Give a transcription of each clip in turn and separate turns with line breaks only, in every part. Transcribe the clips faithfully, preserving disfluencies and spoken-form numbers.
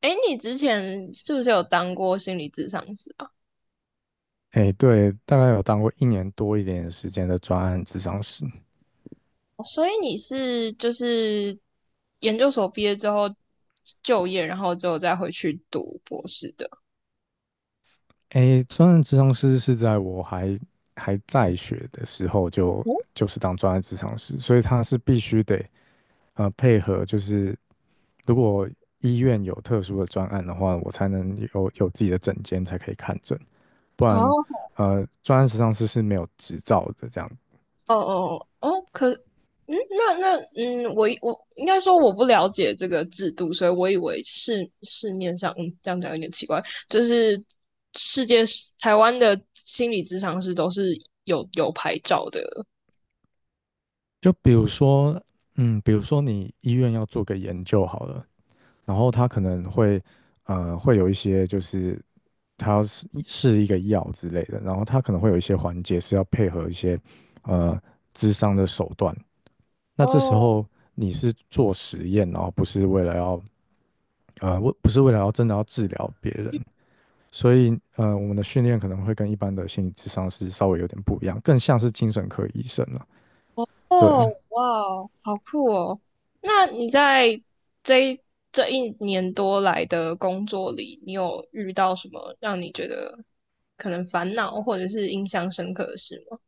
哎，你之前是不是有当过心理咨商师啊？
哎，对，大概有当过一年多一点点时间的专案咨商师。
所以你是就是研究所毕业之后就业，然后之后再回去读博士的。
哎，专案咨商师是在我还还在学的时候就
哦
就是当专案咨商师，所以他是必须得呃配合，就是如果医院有特殊的专案的话，我才能有有自己的诊间才可以看诊，不然
哦
呃专案咨商师是没有执照的这样子。
哦哦哦，可嗯，那那嗯，我以我应该说我不了解这个制度，所以我以为市市面上，嗯，这样讲有点奇怪，就是世界台湾的心理咨商师都是有有牌照的。
就比如说，嗯，比如说你医院要做个研究好了，然后他可能会。呃，会有一些就是它是是一个药之类的，然后它可能会有一些环节是要配合一些呃智商的手段。那这时
哦
候你是做实验，然后不是为了要呃为不是为了要真的要治疗别人，所以呃我们的训练可能会跟一般的心理智商是稍微有点不一样，更像是精神科医生了。对，
哦，哇哦好酷哦！那你在这一这一年多来的工作里，你有遇到什么让你觉得可能烦恼或者是印象深刻的事吗？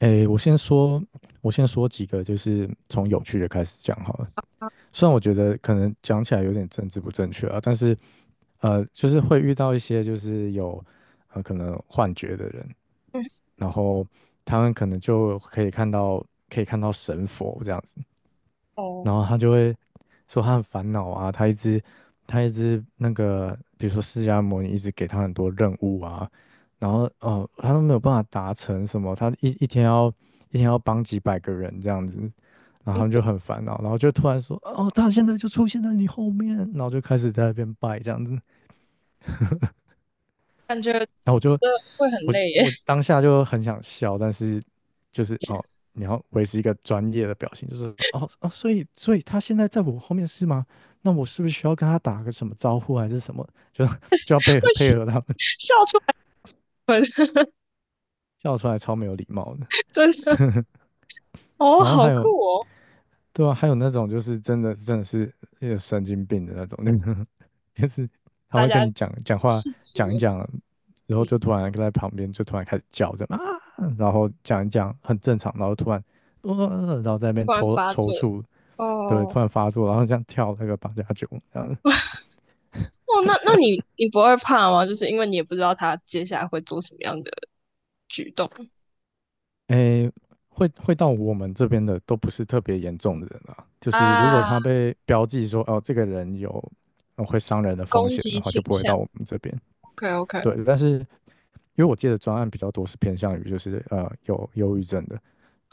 诶，我先说我先说几个就是从有趣的开始讲好了。虽然我觉得可能讲起来有点政治不正确啊，但是呃，就是会遇到一些就是有呃可能幻觉的人，
嗯，
然后他们可能就可以看到可以看到神佛这样子，
哦，
然后他就会说他很烦恼啊，他一直他一直那个，比如说释迦牟尼一直给他很多任务啊，然后哦，他都没有办法达成什么，他一一天要一天要帮几百个人这样子，然后他们就很烦恼，然后就突然说哦，他现在就出现在你后面，然后就开始在那边拜这样子，然
感觉
后我就
这会很
我就
累耶，
我当下就很想笑，但是就是哦，你要维持一个专业的表情，就是哦哦，所以所以他现在在我后面是吗？那我是不是需要跟他打个什么招呼还是什么？就 就要配 合
会
配合他们，
笑出门，
笑出来超没有礼貌的。
真的。哦，
然后
好
还有
酷哦！
对啊，还有那种就是真的真的是有神经病的那种，那个 就是他
大
会
家
跟你讲讲话
细数
讲一
的时
讲，然
候，
后
嗯，
就突然在旁边就突然开始叫着啊，然后讲一讲很正常，然后突然呃、然后在那边
突然
抽
发
抽
作。
搐，对，
哦，
突然发作，然后这样跳那个八加九这样，
哦，那那你你不会怕吗？就是因为你也不知道他接下来会做什么样的举动。
诶，会会到我们这边的都不是特别严重的人啊，就是如果
啊，
他被标记说哦这个人有呃会伤人的风
攻
险
击
的话，就
倾
不会
向。
到我们这边。
OK OK，
对，但是因为我接的专案比较多是偏向于就是呃有忧郁症的，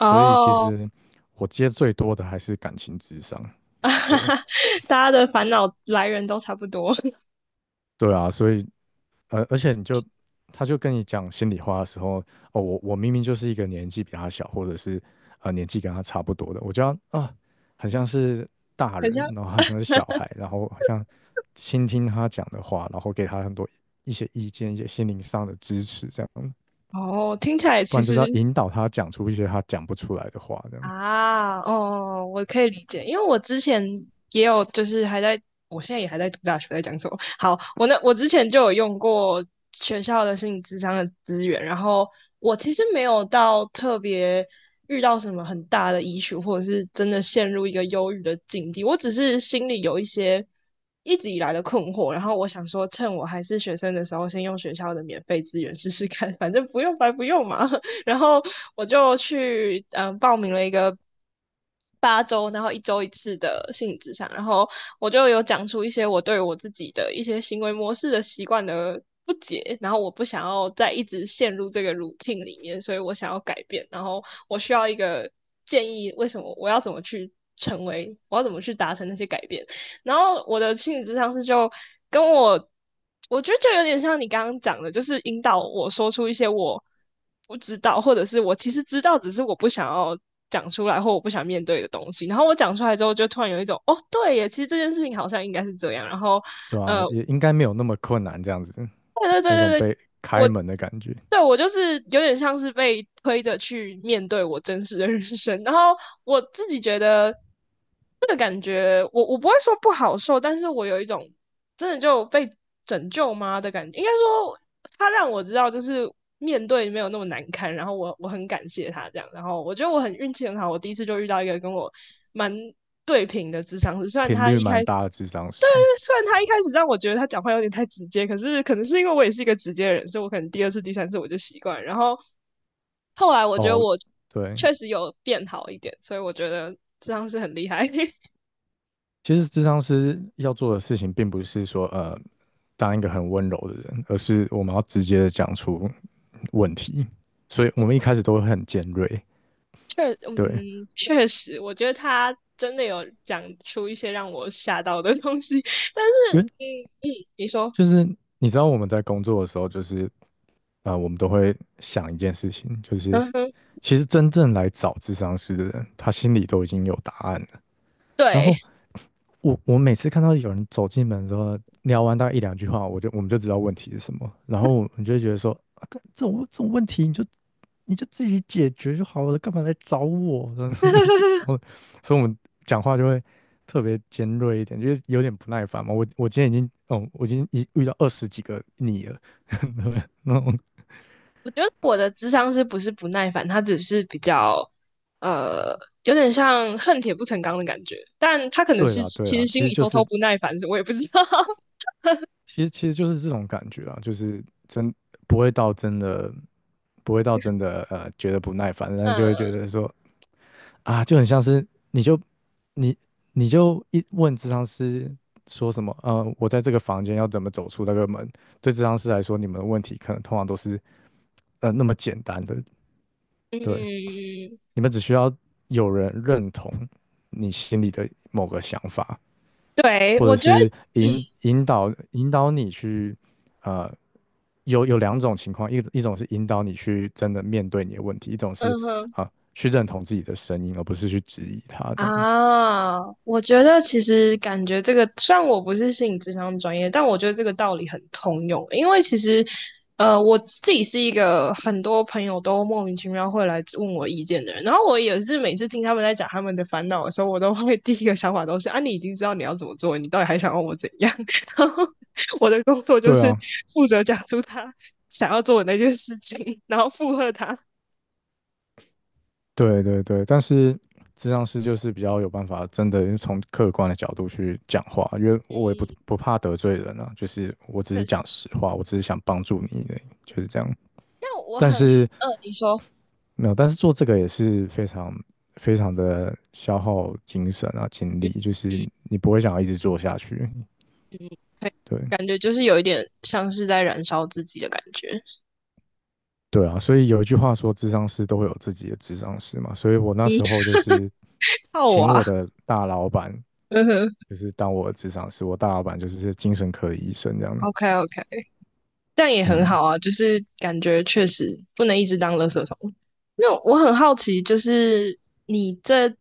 所以其实我接最多的还是感情智商。对
大家的烦恼来源都差不多，
对啊，所以呃，而且你就他就跟你讲心里话的时候，哦，我我明明就是一个年纪比他小，或者是呃年纪跟他差不多的，我就要啊，很像是大
很
人，
像
然后很像是小孩，然后好像倾听他讲的话，然后给他很多一些意见，一些心灵上的支持，这样，
哦，听起来
不
其
然就
实
是要引导他讲出一些他讲不出来的话，这样。
啊，哦，我可以理解，因为我之前也有，就是还在，我现在也还在读大学，在讲什么？好，我那我之前就有用过学校的心理咨商的资源，然后我其实没有到特别遇到什么很大的 i s 或者是真的陷入一个忧郁的境地，我只是心里有一些一直以来的困惑，然后我想说，趁我还是学生的时候，先用学校的免费资源试试看，反正不用白不用嘛。然后我就去嗯报名了一个八周，然后一周一次的性质上，然后我就有讲出一些我对我自己的一些行为模式的习惯的不解，然后我不想要再一直陷入这个 routine 里面，所以我想要改变，然后我需要一个建议，为什么我要怎么去成为，我要怎么去达成那些改变。然后我的心理咨商师就跟我，我觉得就有点像你刚刚讲的，就是引导我说出一些我不知道，或者是我其实知道，只是我不想要讲出来或我不想面对的东西。然后我讲出来之后，就突然有一种哦，对耶，其实这件事情好像应该是这样。然后
对啊，
呃，
也应该没有那么困难，这样子
对对
有
对
种
对对，
被
我
开门的感觉，
对我就是有点像是被推着去面对我真实的人生，然后我自己觉得这个感觉，我我不会说不好受，但是我有一种真的就被拯救吗的感觉，应该说他让我知道就是面对没有那么难堪，然后我我很感谢他这样，然后我觉得我很运气很好，我第一次就遇到一个跟我蛮对平的智商师，虽然
频
他
率
一
蛮
开始
大的智商师。
虽然他一开始让我觉得他讲话有点太直接，可是可能是因为我也是一个直接的人，所以我可能第二次、第三次我就习惯，然后后来我觉得
哦，
我
对，
确实有变好一点，所以我觉得这样是很厉害。
其实智商师要做的事情，并不是说呃当一个很温柔的人，而是我们要直接的讲出问题，所以我们一开始都会很尖锐，
确，
对，
嗯，确实，我觉得他真的有讲出一些让我吓到的东西。但
因
是，
为
嗯嗯，你说，
就是你知道我们在工作的时候，就是啊，我们都会想一件事情，就是
嗯哼，
其实真正来找智商师的人，他心里都已经有答案了。然
对，
后我我每次看到有人走进门之后，聊完大概一两句话，我就我们就知道问题是什么，然后我们就会觉得说，啊，干这种这种问题你就你就自己解决就好了，干嘛来找我？这样子然后，所以我们讲话就会特别尖锐一点，就是有点不耐烦嘛。我我今天已经，哦，我已经一遇到二十几个你了，对那种
我觉得我的智商是不是不耐烦，他只是比较呃，有点像恨铁不成钢的感觉，但他可能
对
是
啦对
其
啦，
实心
其实
里
就
偷偷
是
不耐烦，我也不知道。
其实其实就是这种感觉啊，就是真不会到真的不会到真的呃觉得不耐烦，但是就
嗯
会觉得说啊，就很像是你就你你就一问咨商师说什么，呃，我在这个房间要怎么走出那个门？对咨商师来说，你们的问题可能通常都是呃那么简单的，对，
嗯，
你们只需要有人认同你心里的某个想法，
对，
或者
我觉得，
是引
嗯
引导引导你去。呃有有两种情况，一一种是引导你去真的面对你的问题，一种
嗯
是
哼。
啊、去认同自己的声音，而不是去质疑它这样子。
啊，我觉得其实感觉这个，虽然我不是心理咨商专业，但我觉得这个道理很通用。因为其实，呃，我自己是一个很多朋友都莫名其妙会来问我意见的人，然后我也是每次听他们在讲他们的烦恼的时候，我都会 第一个想法都是啊，你已经知道你要怎么做，你到底还想要我怎样？然后我的工作就
对
是
啊，
负责讲出他想要做的那件事情，然后附和他。
对对对，但是咨商师就是比较有办法，真的从客观的角度去讲话，因为我也不
嗯，
不怕得罪人啊，就是我只是
确实。
讲实话，我只是想帮助你就是这样。
那我
但
很，
是
嗯、你说。
没有，但是做这个也是非常非常的消耗精神啊、精力，就是
嗯
你不会想要一直做下去。
嗯，对，
对，
感觉就是有一点像是在燃烧自己的感觉。
对啊，所以有一句话说，智商师都会有自己的智商师嘛。所以我那
嗯，
时候就是
好
请
啊，
我的大老板，
嗯哼
就是当我的智商师。我大老板就是精神科的医生这样。
，OK OK，这样也很
嗯，
好啊，就是感觉确实不能一直当垃圾桶。那我很好奇，就是你这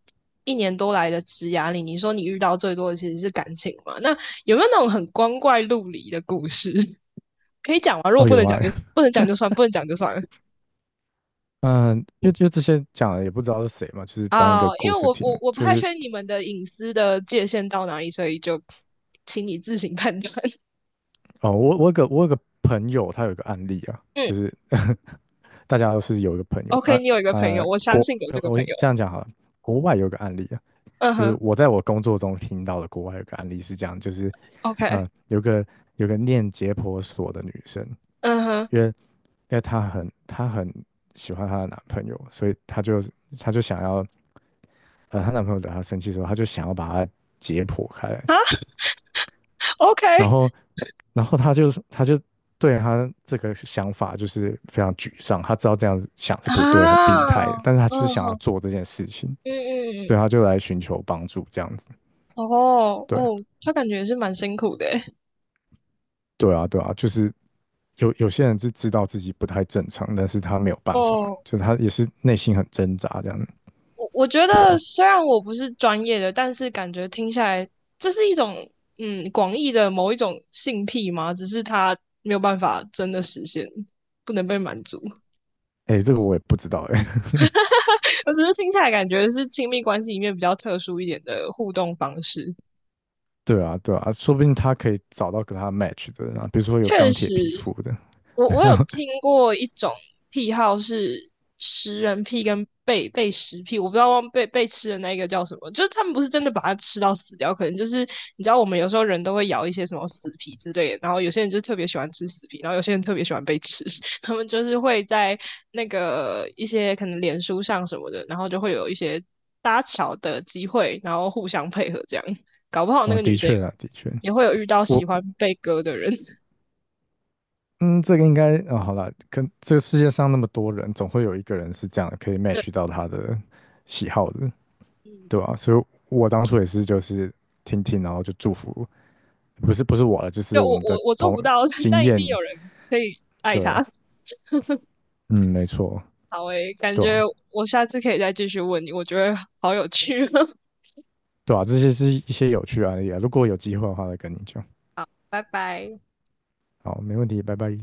一年多来的职涯里，你说你遇到最多的其实是感情嘛？那有没有那种很光怪陆离的故事？可以讲吗？如果
哦
不
有
能讲
啊，
就不能讲就算，不能讲就算了。
嗯，因为因为这些讲的也不知道是谁嘛，就是当一个
啊，因
故
为
事
我
听
我
的
我不
就
太
是
确定你们的隐私的界限到哪里，所以就请你自行判断。
哦，我我有个我有个朋友，他有个案例啊，
嗯
就是 大家都是有一个朋友
，OK，
啊
你有一个朋
啊，
友，我相
国
信有这个
我
朋
我
友。
这样讲好了，国外有个案例，啊。
嗯
就是
哼
我在我工作中听到的国外有个案例是这样，就是
，OK，
呃，有个有个念解剖所的女生，
嗯哼，
因为因为她很她很喜欢她的男朋友，所以她就她就想要呃，她男朋友惹她生气的时候，她就想要把她解剖开来，
啊
然
，OK，
后然后她就是她就对她这个想法就是非常沮丧，她知道这样子想是不对，很病
啊，
态的，但是她就是
嗯
想要
哼，
做这件事情，
嗯
对，
嗯嗯，
她就来寻求帮助这样子，
哦
对。
哦，他感觉也是蛮辛苦的欸。
对啊，对啊，就是有有些人是知道自己不太正常，但是他没有办法，
哦
就他也是内心很挣扎这样，
我我觉
对
得
啊，
虽然我不是专业的，但是感觉听下来，这是一种嗯广义的某一种性癖嘛，只是它没有办法真的实现，不能被满足。
哎、这个我也不知道哎、
我只是听下来感觉是亲密关系里面比较特殊一点的互动方式。
对啊，对啊，说不定他可以找到跟他 match 的人啊，比如说有
确
钢铁
实，
皮肤的，
我我有 听过一种癖好是食人癖跟被被食癖，我不知道忘被被吃的那一个叫什么，就是他们不是真的把它吃到死掉，可能就是你知道我们有时候人都会咬一些什么死皮之类的，然后有些人就特别喜欢吃死皮，然后有些人特别喜欢被吃，他们就是会在那个一些可能脸书上什么的，然后就会有一些搭桥的机会，然后互相配合这样，搞不好那
哦，
个女
的
生也
确啊，的确，
也会有遇到
我
喜欢被割的人。
嗯，这个应该啊、好了，跟这个世界上那么多人，总会有一个人是这样的可以 match 到他的喜好的，
嗯，
对吧？所以我当初也是就是听听，然后就祝福，不是不是我了，就是
就我
我们的
我我做
同
不到，
经
但一定有
验。
人可以爱
对，
他。
嗯，没错，
好诶，感
对
觉
啊，
我下次可以再继续问你，我觉得好有趣哦
对啊，这些是一些有趣的案例啊。如果有机会的话，再跟你讲。
拜拜。
好，没问题，拜拜。